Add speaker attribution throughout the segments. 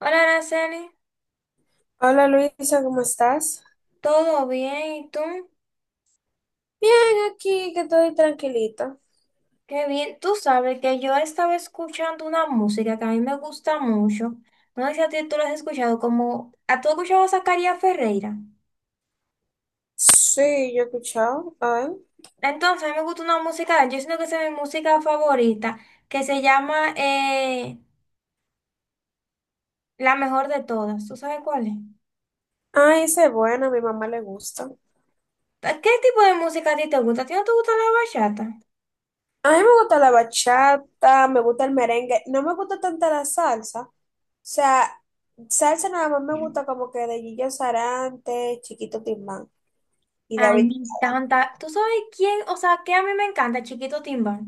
Speaker 1: Hola, Araceli,
Speaker 2: Hola Luisa, ¿cómo estás?
Speaker 1: ¿todo bien? ¿Y tú?
Speaker 2: Bien, aquí que estoy tranquilita.
Speaker 1: Qué bien. Tú sabes que yo estaba escuchando una música que a mí me gusta mucho. No sé si a ti tú la has escuchado, como... ¿A tú has escuchado a Zacarías Ferreira?
Speaker 2: Sí, yo he escuchado. A ver.
Speaker 1: Entonces, a mí me gusta una música de él, yo siento que esa es mi música favorita, que se llama La Mejor de Todas. ¿Tú sabes cuál es?
Speaker 2: Ay, esa es buena, a mi mamá le gusta.
Speaker 1: ¿A ¿Qué tipo de música a ti te gusta? ¿A ti no te gusta la bachata?
Speaker 2: A mí me gusta la bachata, me gusta el merengue. No me gusta tanta la salsa. O sea, salsa nada más me gusta como que de Gillo Sarante, Chiquito Timbán y
Speaker 1: Ay,
Speaker 2: David.
Speaker 1: me
Speaker 2: Bisbal.
Speaker 1: encanta. ¿Tú sabes quién? O sea, ¿qué a mí me encanta, Chiquito Timbal?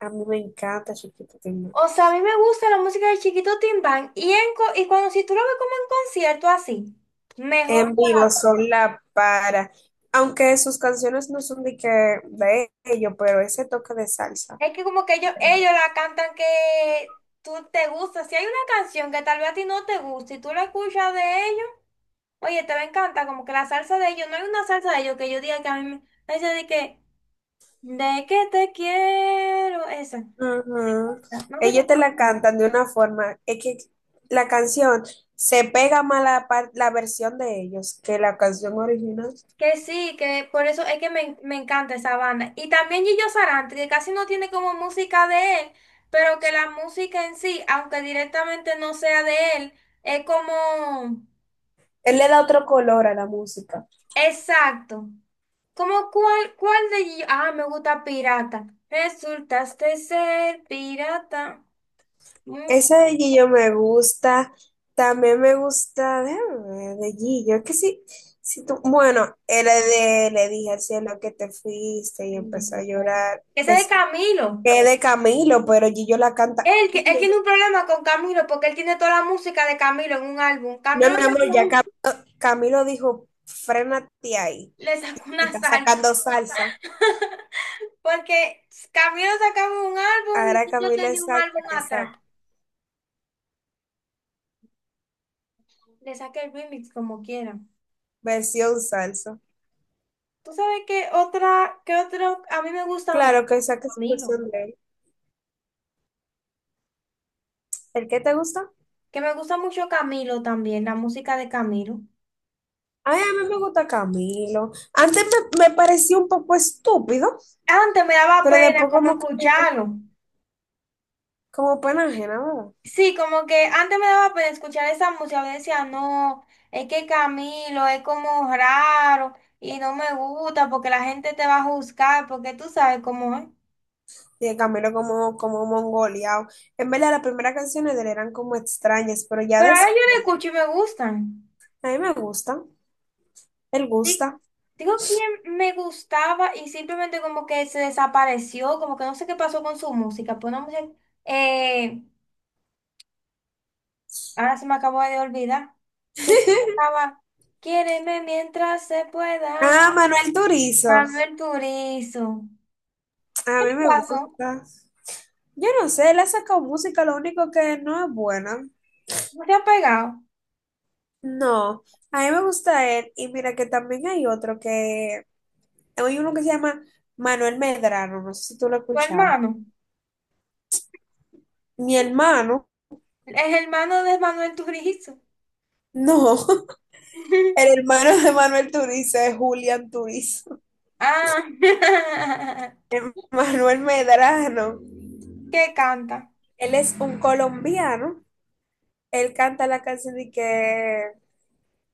Speaker 2: A mí me encanta Chiquito Timbán.
Speaker 1: O sea, a mí me gusta la música de Chiquito Timbán y, y cuando si tú lo ves como en concierto así, mejor
Speaker 2: En vivo
Speaker 1: todavía.
Speaker 2: son la para. Aunque sus canciones no son de que de ellos, pero ese toque de salsa.
Speaker 1: Es que como que ellos la cantan que tú te gusta. Si hay una canción que tal vez a ti no te gusta y tú la escuchas de ellos, oye, te va a encantar, como que la salsa de ellos, no hay una salsa de ellos que yo diga que a mí me esa de que te quiero, esa.
Speaker 2: Ujú.
Speaker 1: No sé
Speaker 2: Ellos
Speaker 1: cómo.
Speaker 2: te la cantan de una forma, es que la canción se pega más la, la versión de ellos que la canción original.
Speaker 1: Que sí, que por eso es que me encanta esa banda. Y también Gillo Sarante, que casi no tiene como música de él, pero que la música en sí, aunque directamente no sea de él, es como...
Speaker 2: Él le da otro color a la música.
Speaker 1: Exacto. Como cuál, cuál de Gillo... Ah, me gusta Pirata. Resultaste ser pirata.
Speaker 2: Esa
Speaker 1: Mucho.
Speaker 2: de Gillo me gusta, también me gusta, déjame ver, de Gillo, es que sí, si tú, bueno, era de, le dije al cielo que te fuiste y empezó a llorar.
Speaker 1: Ese de
Speaker 2: Es
Speaker 1: Camilo.
Speaker 2: que es de Camilo, pero Gillo la canta.
Speaker 1: Él,
Speaker 2: No,
Speaker 1: él tiene un problema con Camilo porque él tiene toda la música de Camilo en un álbum.
Speaker 2: mi
Speaker 1: Camilo le
Speaker 2: amor,
Speaker 1: sacó
Speaker 2: Camilo dijo, frénate ahí.
Speaker 1: le sacó
Speaker 2: Y
Speaker 1: una
Speaker 2: está
Speaker 1: salsa.
Speaker 2: sacando salsa.
Speaker 1: Porque Camilo sacaba un álbum
Speaker 2: Ahora
Speaker 1: y yo
Speaker 2: Camilo
Speaker 1: tenía
Speaker 2: es
Speaker 1: un
Speaker 2: salsa
Speaker 1: álbum
Speaker 2: que
Speaker 1: atrás.
Speaker 2: saca.
Speaker 1: Le saqué el remix como quiera.
Speaker 2: Versión salsa.
Speaker 1: ¿Tú sabes qué otra, qué otro? A mí me gusta mucho
Speaker 2: Claro que saque su
Speaker 1: Camilo.
Speaker 2: versión de él. ¿El qué te gusta?
Speaker 1: Que me gusta mucho Camilo también, la música de Camilo.
Speaker 2: Ay, a mí me gusta Camilo. Antes me parecía un poco estúpido,
Speaker 1: Antes me daba
Speaker 2: pero
Speaker 1: pena
Speaker 2: después
Speaker 1: como
Speaker 2: como que,
Speaker 1: escucharlo.
Speaker 2: como pena ajena, ¿verdad?
Speaker 1: Sí, como que antes me daba pena escuchar esa música. Yo decía, no, es que Camilo es como raro y no me gusta porque la gente te va a juzgar porque tú sabes cómo es.
Speaker 2: Y de Camilo como mongoleado. En verdad, las primeras canciones de él eran como extrañas, pero ya
Speaker 1: Pero ahora yo la
Speaker 2: después.
Speaker 1: escucho y me gustan.
Speaker 2: A mí me gusta. Él
Speaker 1: Sí,
Speaker 2: gusta.
Speaker 1: digo quién me gustaba y simplemente como que se desapareció, como que no sé qué pasó con su música. Pues una mujer, eh, ahora se me acabó de olvidar. Que cantaba Quiéreme mientras se pueda.
Speaker 2: Ah, Manuel Turizo.
Speaker 1: Manuel Turizo.
Speaker 2: A
Speaker 1: ¿Qué
Speaker 2: mí
Speaker 1: le
Speaker 2: me
Speaker 1: pasó?
Speaker 2: gusta. Yo no sé, él ha sacado música, lo único que no es buena.
Speaker 1: ¿No se ha pegado?
Speaker 2: No, a mí me gusta él. Y mira que también hay otro que, hay uno que se llama Manuel Medrano, no sé si tú lo has
Speaker 1: Tu
Speaker 2: escuchado.
Speaker 1: hermano.
Speaker 2: Mi hermano,
Speaker 1: El hermano de Manuel Turizo.
Speaker 2: no, el hermano de Manuel Turizo es Julián Turizo.
Speaker 1: Ah,
Speaker 2: El Manuel Medrano,
Speaker 1: qué canta.
Speaker 2: él es un colombiano, él canta la canción de que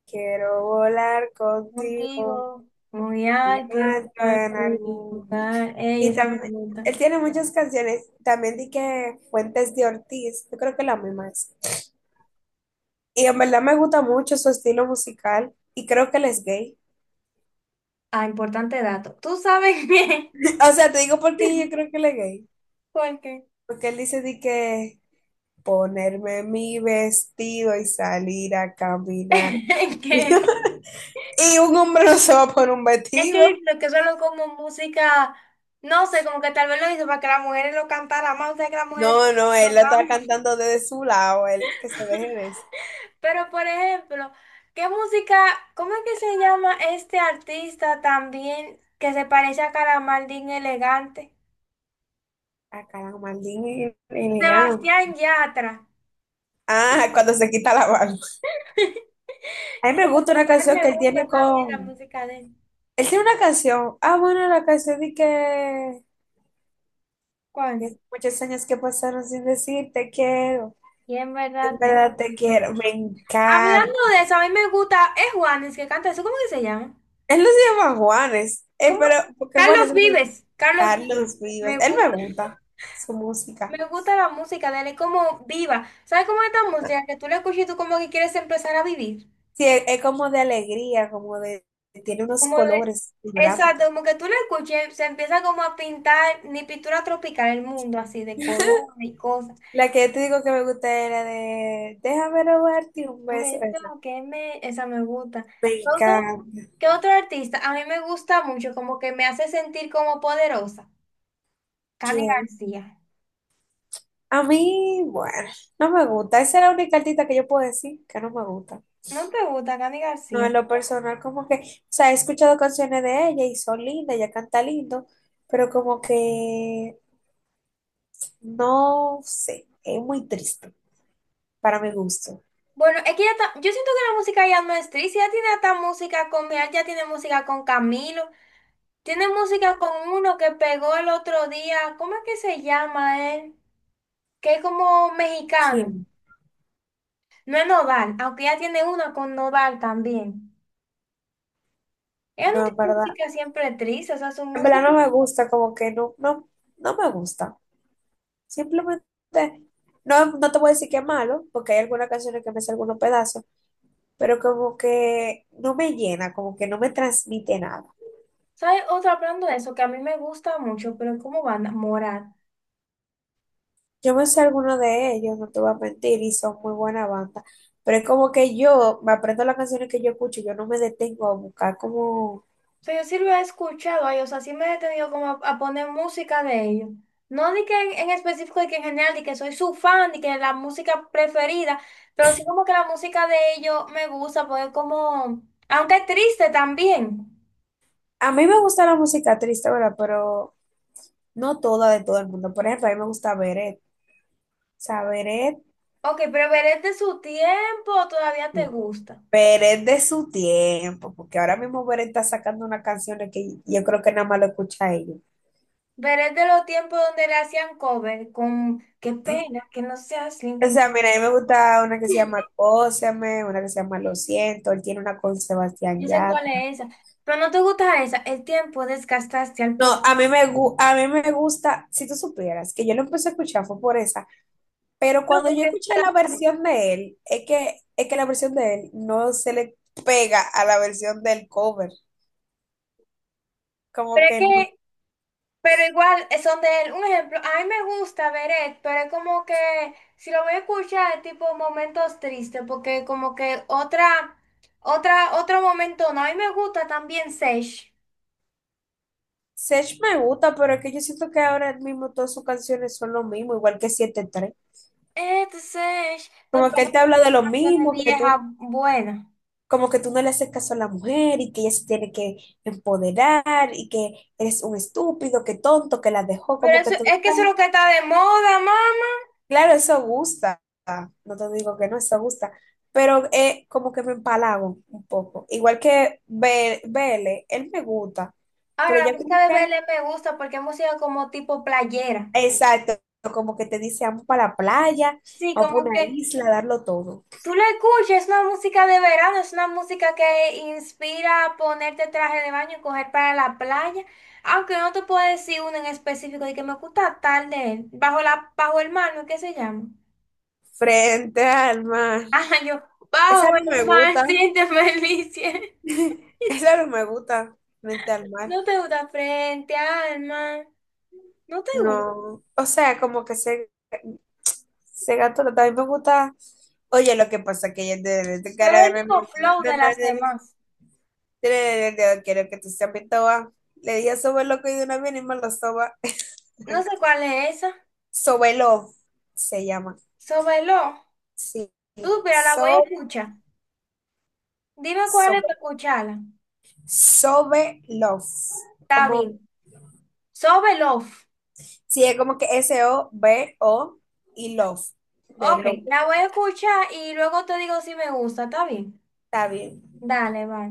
Speaker 2: quiero volar contigo
Speaker 1: Contigo, muy alto,
Speaker 2: Alejandro,
Speaker 1: estar
Speaker 2: en
Speaker 1: y
Speaker 2: algún.
Speaker 1: buscar. Ey,
Speaker 2: Y
Speaker 1: esa me
Speaker 2: también,
Speaker 1: gusta.
Speaker 2: él tiene muchas canciones, también di que Fuentes de Ortiz, yo creo que la misma es. Y en verdad me gusta mucho su estilo musical y creo que él es gay.
Speaker 1: Ah, importante dato. Tú sabes bien.
Speaker 2: O sea, te digo porque yo creo que él es gay.
Speaker 1: ¿Por qué?
Speaker 2: Porque él dice di que ponerme mi vestido y salir a caminar.
Speaker 1: Es que,
Speaker 2: Y un hombre no se va a poner un
Speaker 1: es
Speaker 2: vestido.
Speaker 1: que lo que suena como música, no sé, como que tal vez lo hizo para que las mujeres lo cantaran más, o sea, que las mujeres
Speaker 2: No, no,
Speaker 1: lo
Speaker 2: él lo está
Speaker 1: cantan.
Speaker 2: cantando desde su lado, él que se deje de eso.
Speaker 1: Pero, por ejemplo, ¿qué música, cómo es que se llama este artista también que se parece a Calamardín Elegante?
Speaker 2: Ah, caramba, maldito.
Speaker 1: Sebastián Yatra.
Speaker 2: Ah, cuando se quita la barba. A mí me gusta una
Speaker 1: Ay,
Speaker 2: canción
Speaker 1: me
Speaker 2: que él tiene
Speaker 1: gusta también la
Speaker 2: con...
Speaker 1: música de él.
Speaker 2: Él tiene una canción. Ah, bueno, la canción de que...
Speaker 1: ¿Cuál?
Speaker 2: que muchos años que pasaron sin decir te quiero.
Speaker 1: Y en verdad,
Speaker 2: En
Speaker 1: te-
Speaker 2: verdad te quiero. Me encanta.
Speaker 1: Hablando de eso, a mí me gusta, es Juanes que canta eso, ¿cómo que se llama?
Speaker 2: Él no se llama Juanes.
Speaker 1: ¿Cómo?
Speaker 2: Pero, porque Juanes
Speaker 1: Carlos
Speaker 2: es
Speaker 1: Vives, Carlos Vives.
Speaker 2: Carlos Vives.
Speaker 1: Me
Speaker 2: Él me
Speaker 1: gusta,
Speaker 2: gusta su música.
Speaker 1: me gusta la música de él, es como viva. ¿Sabes cómo es esta música? Que tú la escuchas y tú como que quieres empezar a vivir.
Speaker 2: Sí, es como de alegría, como de... Tiene unos
Speaker 1: Como de,
Speaker 2: colores
Speaker 1: exacto,
Speaker 2: vibrantes.
Speaker 1: como que tú la escuches, se empieza como a pintar, ni pintura tropical, el mundo así de color y cosas.
Speaker 2: La que yo te digo que me gusta era de... Déjame robarte un beso.
Speaker 1: Beto,
Speaker 2: Esa.
Speaker 1: que me, esa me gusta.
Speaker 2: Venga,
Speaker 1: Entonces, ¿qué otro artista? A mí me gusta mucho, como que me hace sentir como poderosa. Cani
Speaker 2: ¿quién?
Speaker 1: García.
Speaker 2: A mí, bueno, no me gusta. Esa es la única artista que yo puedo decir que no me gusta.
Speaker 1: ¿No te gusta Cani
Speaker 2: No,
Speaker 1: García?
Speaker 2: en lo personal, como que, o sea, he escuchado canciones de ella y son lindas, ella canta lindo, pero como que, no sé, es muy triste para mi gusto.
Speaker 1: Bueno, es que ya está, yo siento que la música ya no es triste, ya tiene hasta música con, mira, ya tiene música con Camilo, tiene música con uno que pegó el otro día, ¿cómo es que se llama él? Que es como mexicano,
Speaker 2: ¿Quién?
Speaker 1: no es Nodal, aunque ya tiene una con Nodal también. Ella no
Speaker 2: No, en
Speaker 1: tiene
Speaker 2: verdad.
Speaker 1: música siempre triste, o sea, su
Speaker 2: En verdad
Speaker 1: música.
Speaker 2: no me gusta, como que no, no, no me gusta. Simplemente, no, no te voy a decir que es malo, porque hay algunas canciones que me hacen algunos pedazos, pero como que no me llena, como que no me transmite nada.
Speaker 1: ¿Sabes? Otra hablando de eso que a mí me gusta mucho, pero como banda, Morat.
Speaker 2: Yo me sé alguno de ellos, no te voy a mentir, y son muy buena banda, pero es como que yo me aprendo las canciones que yo escucho, yo no me detengo a buscar como...
Speaker 1: O sea, yo sí lo he escuchado a ellos, o sea, sí me he detenido como a poner música de ellos. No de que en específico, de que en general, de que soy su fan, de que la música preferida, pero sí como que la música de ellos me gusta, porque como, aunque es triste también.
Speaker 2: A mí me gusta la música triste, ¿verdad? Pero no toda de todo el mundo. Por ejemplo, a mí me gusta Beret, o sea, Beret,
Speaker 1: Ok, pero Veré de su tiempo todavía te gusta.
Speaker 2: Beret de su tiempo, porque ahora mismo Beret está sacando unas canciones que yo creo que nada más lo escucha ella.
Speaker 1: Veré de los tiempos donde le hacían cover con qué pena que no seas
Speaker 2: O
Speaker 1: limpio.
Speaker 2: sea, mira, a mí me gusta una que se llama Cóseme, una que se llama Lo siento, él tiene una con Sebastián
Speaker 1: Yo sé cuál
Speaker 2: Yatra.
Speaker 1: es esa, pero no te gusta esa. El tiempo desgastaste al
Speaker 2: No,
Speaker 1: propósito.
Speaker 2: a mí me gusta, si tú supieras, que yo lo empecé a escuchar fue por esa, pero cuando yo escuché la versión de él, es que la versión de él no se le pega a la versión del cover, como
Speaker 1: Pero es
Speaker 2: que no.
Speaker 1: que, pero igual son de él. Un ejemplo, a mí me gusta Beret, pero es como que si lo voy a escuchar es tipo momentos tristes, porque como que otra, otra, otro momento, no, a mí me gusta también Sage.
Speaker 2: Sech me gusta, pero es que yo siento que ahora mismo todas sus canciones son lo mismo, igual que siete tres.
Speaker 1: Este Sage, no, pero
Speaker 2: Como que
Speaker 1: es
Speaker 2: él te
Speaker 1: que son
Speaker 2: habla de lo
Speaker 1: canciones
Speaker 2: mismo, que
Speaker 1: viejas
Speaker 2: tú
Speaker 1: buenas.
Speaker 2: como que tú no le haces caso a la mujer y que ella se tiene que empoderar y que eres un estúpido, que tonto, que la dejó,
Speaker 1: Pero
Speaker 2: como que
Speaker 1: eso,
Speaker 2: tú...
Speaker 1: es que eso es lo que está de moda, mami.
Speaker 2: Claro, eso gusta, no te digo que no, eso gusta, pero como que me empalago un poco. Igual que Bele, él me gusta, pero
Speaker 1: Ahora, la
Speaker 2: ya como
Speaker 1: música de
Speaker 2: que,
Speaker 1: BL me gusta porque es música como tipo playera.
Speaker 2: exacto, como que te dice, vamos para la playa,
Speaker 1: Sí,
Speaker 2: vamos para
Speaker 1: como
Speaker 2: una
Speaker 1: que
Speaker 2: isla, darlo todo.
Speaker 1: tú la escuchas, es una música de verano, es una música que inspira a ponerte traje de baño y coger para la playa. Aunque no te puedo decir uno en específico de que me gusta tal de él. Bajo la, bajo el mar, ¿no? ¿Qué se llama?
Speaker 2: Frente al mar.
Speaker 1: Ah, yo,
Speaker 2: Esa
Speaker 1: bajo el
Speaker 2: no me
Speaker 1: mar,
Speaker 2: gusta.
Speaker 1: siente felicia.
Speaker 2: Esa no me gusta. Frente al mar.
Speaker 1: No te gusta frente al mar. No te gusta.
Speaker 2: No, o sea, como que se gato, no, también me gusta. Oye, lo que pasa que yo de
Speaker 1: Pero
Speaker 2: cara
Speaker 1: el mismo flow de las demás.
Speaker 2: quiero que tú seas mi toba. Le dije soba loco y de una vez y me lo soba.
Speaker 1: No sé cuál es esa.
Speaker 2: Sobelo se llama.
Speaker 1: Sobelo.
Speaker 2: Sí.
Speaker 1: Tú, pero la voy a
Speaker 2: So,
Speaker 1: escuchar. Dime cuál es
Speaker 2: sobe,
Speaker 1: para escucharla.
Speaker 2: sobe love.
Speaker 1: Está
Speaker 2: Como,
Speaker 1: bien. Sobe Love.
Speaker 2: sí, es como que SOBO y love. De
Speaker 1: Ok,
Speaker 2: love.
Speaker 1: la voy a escuchar y luego te digo si me gusta. Está bien.
Speaker 2: Está bien.
Speaker 1: Dale, bye.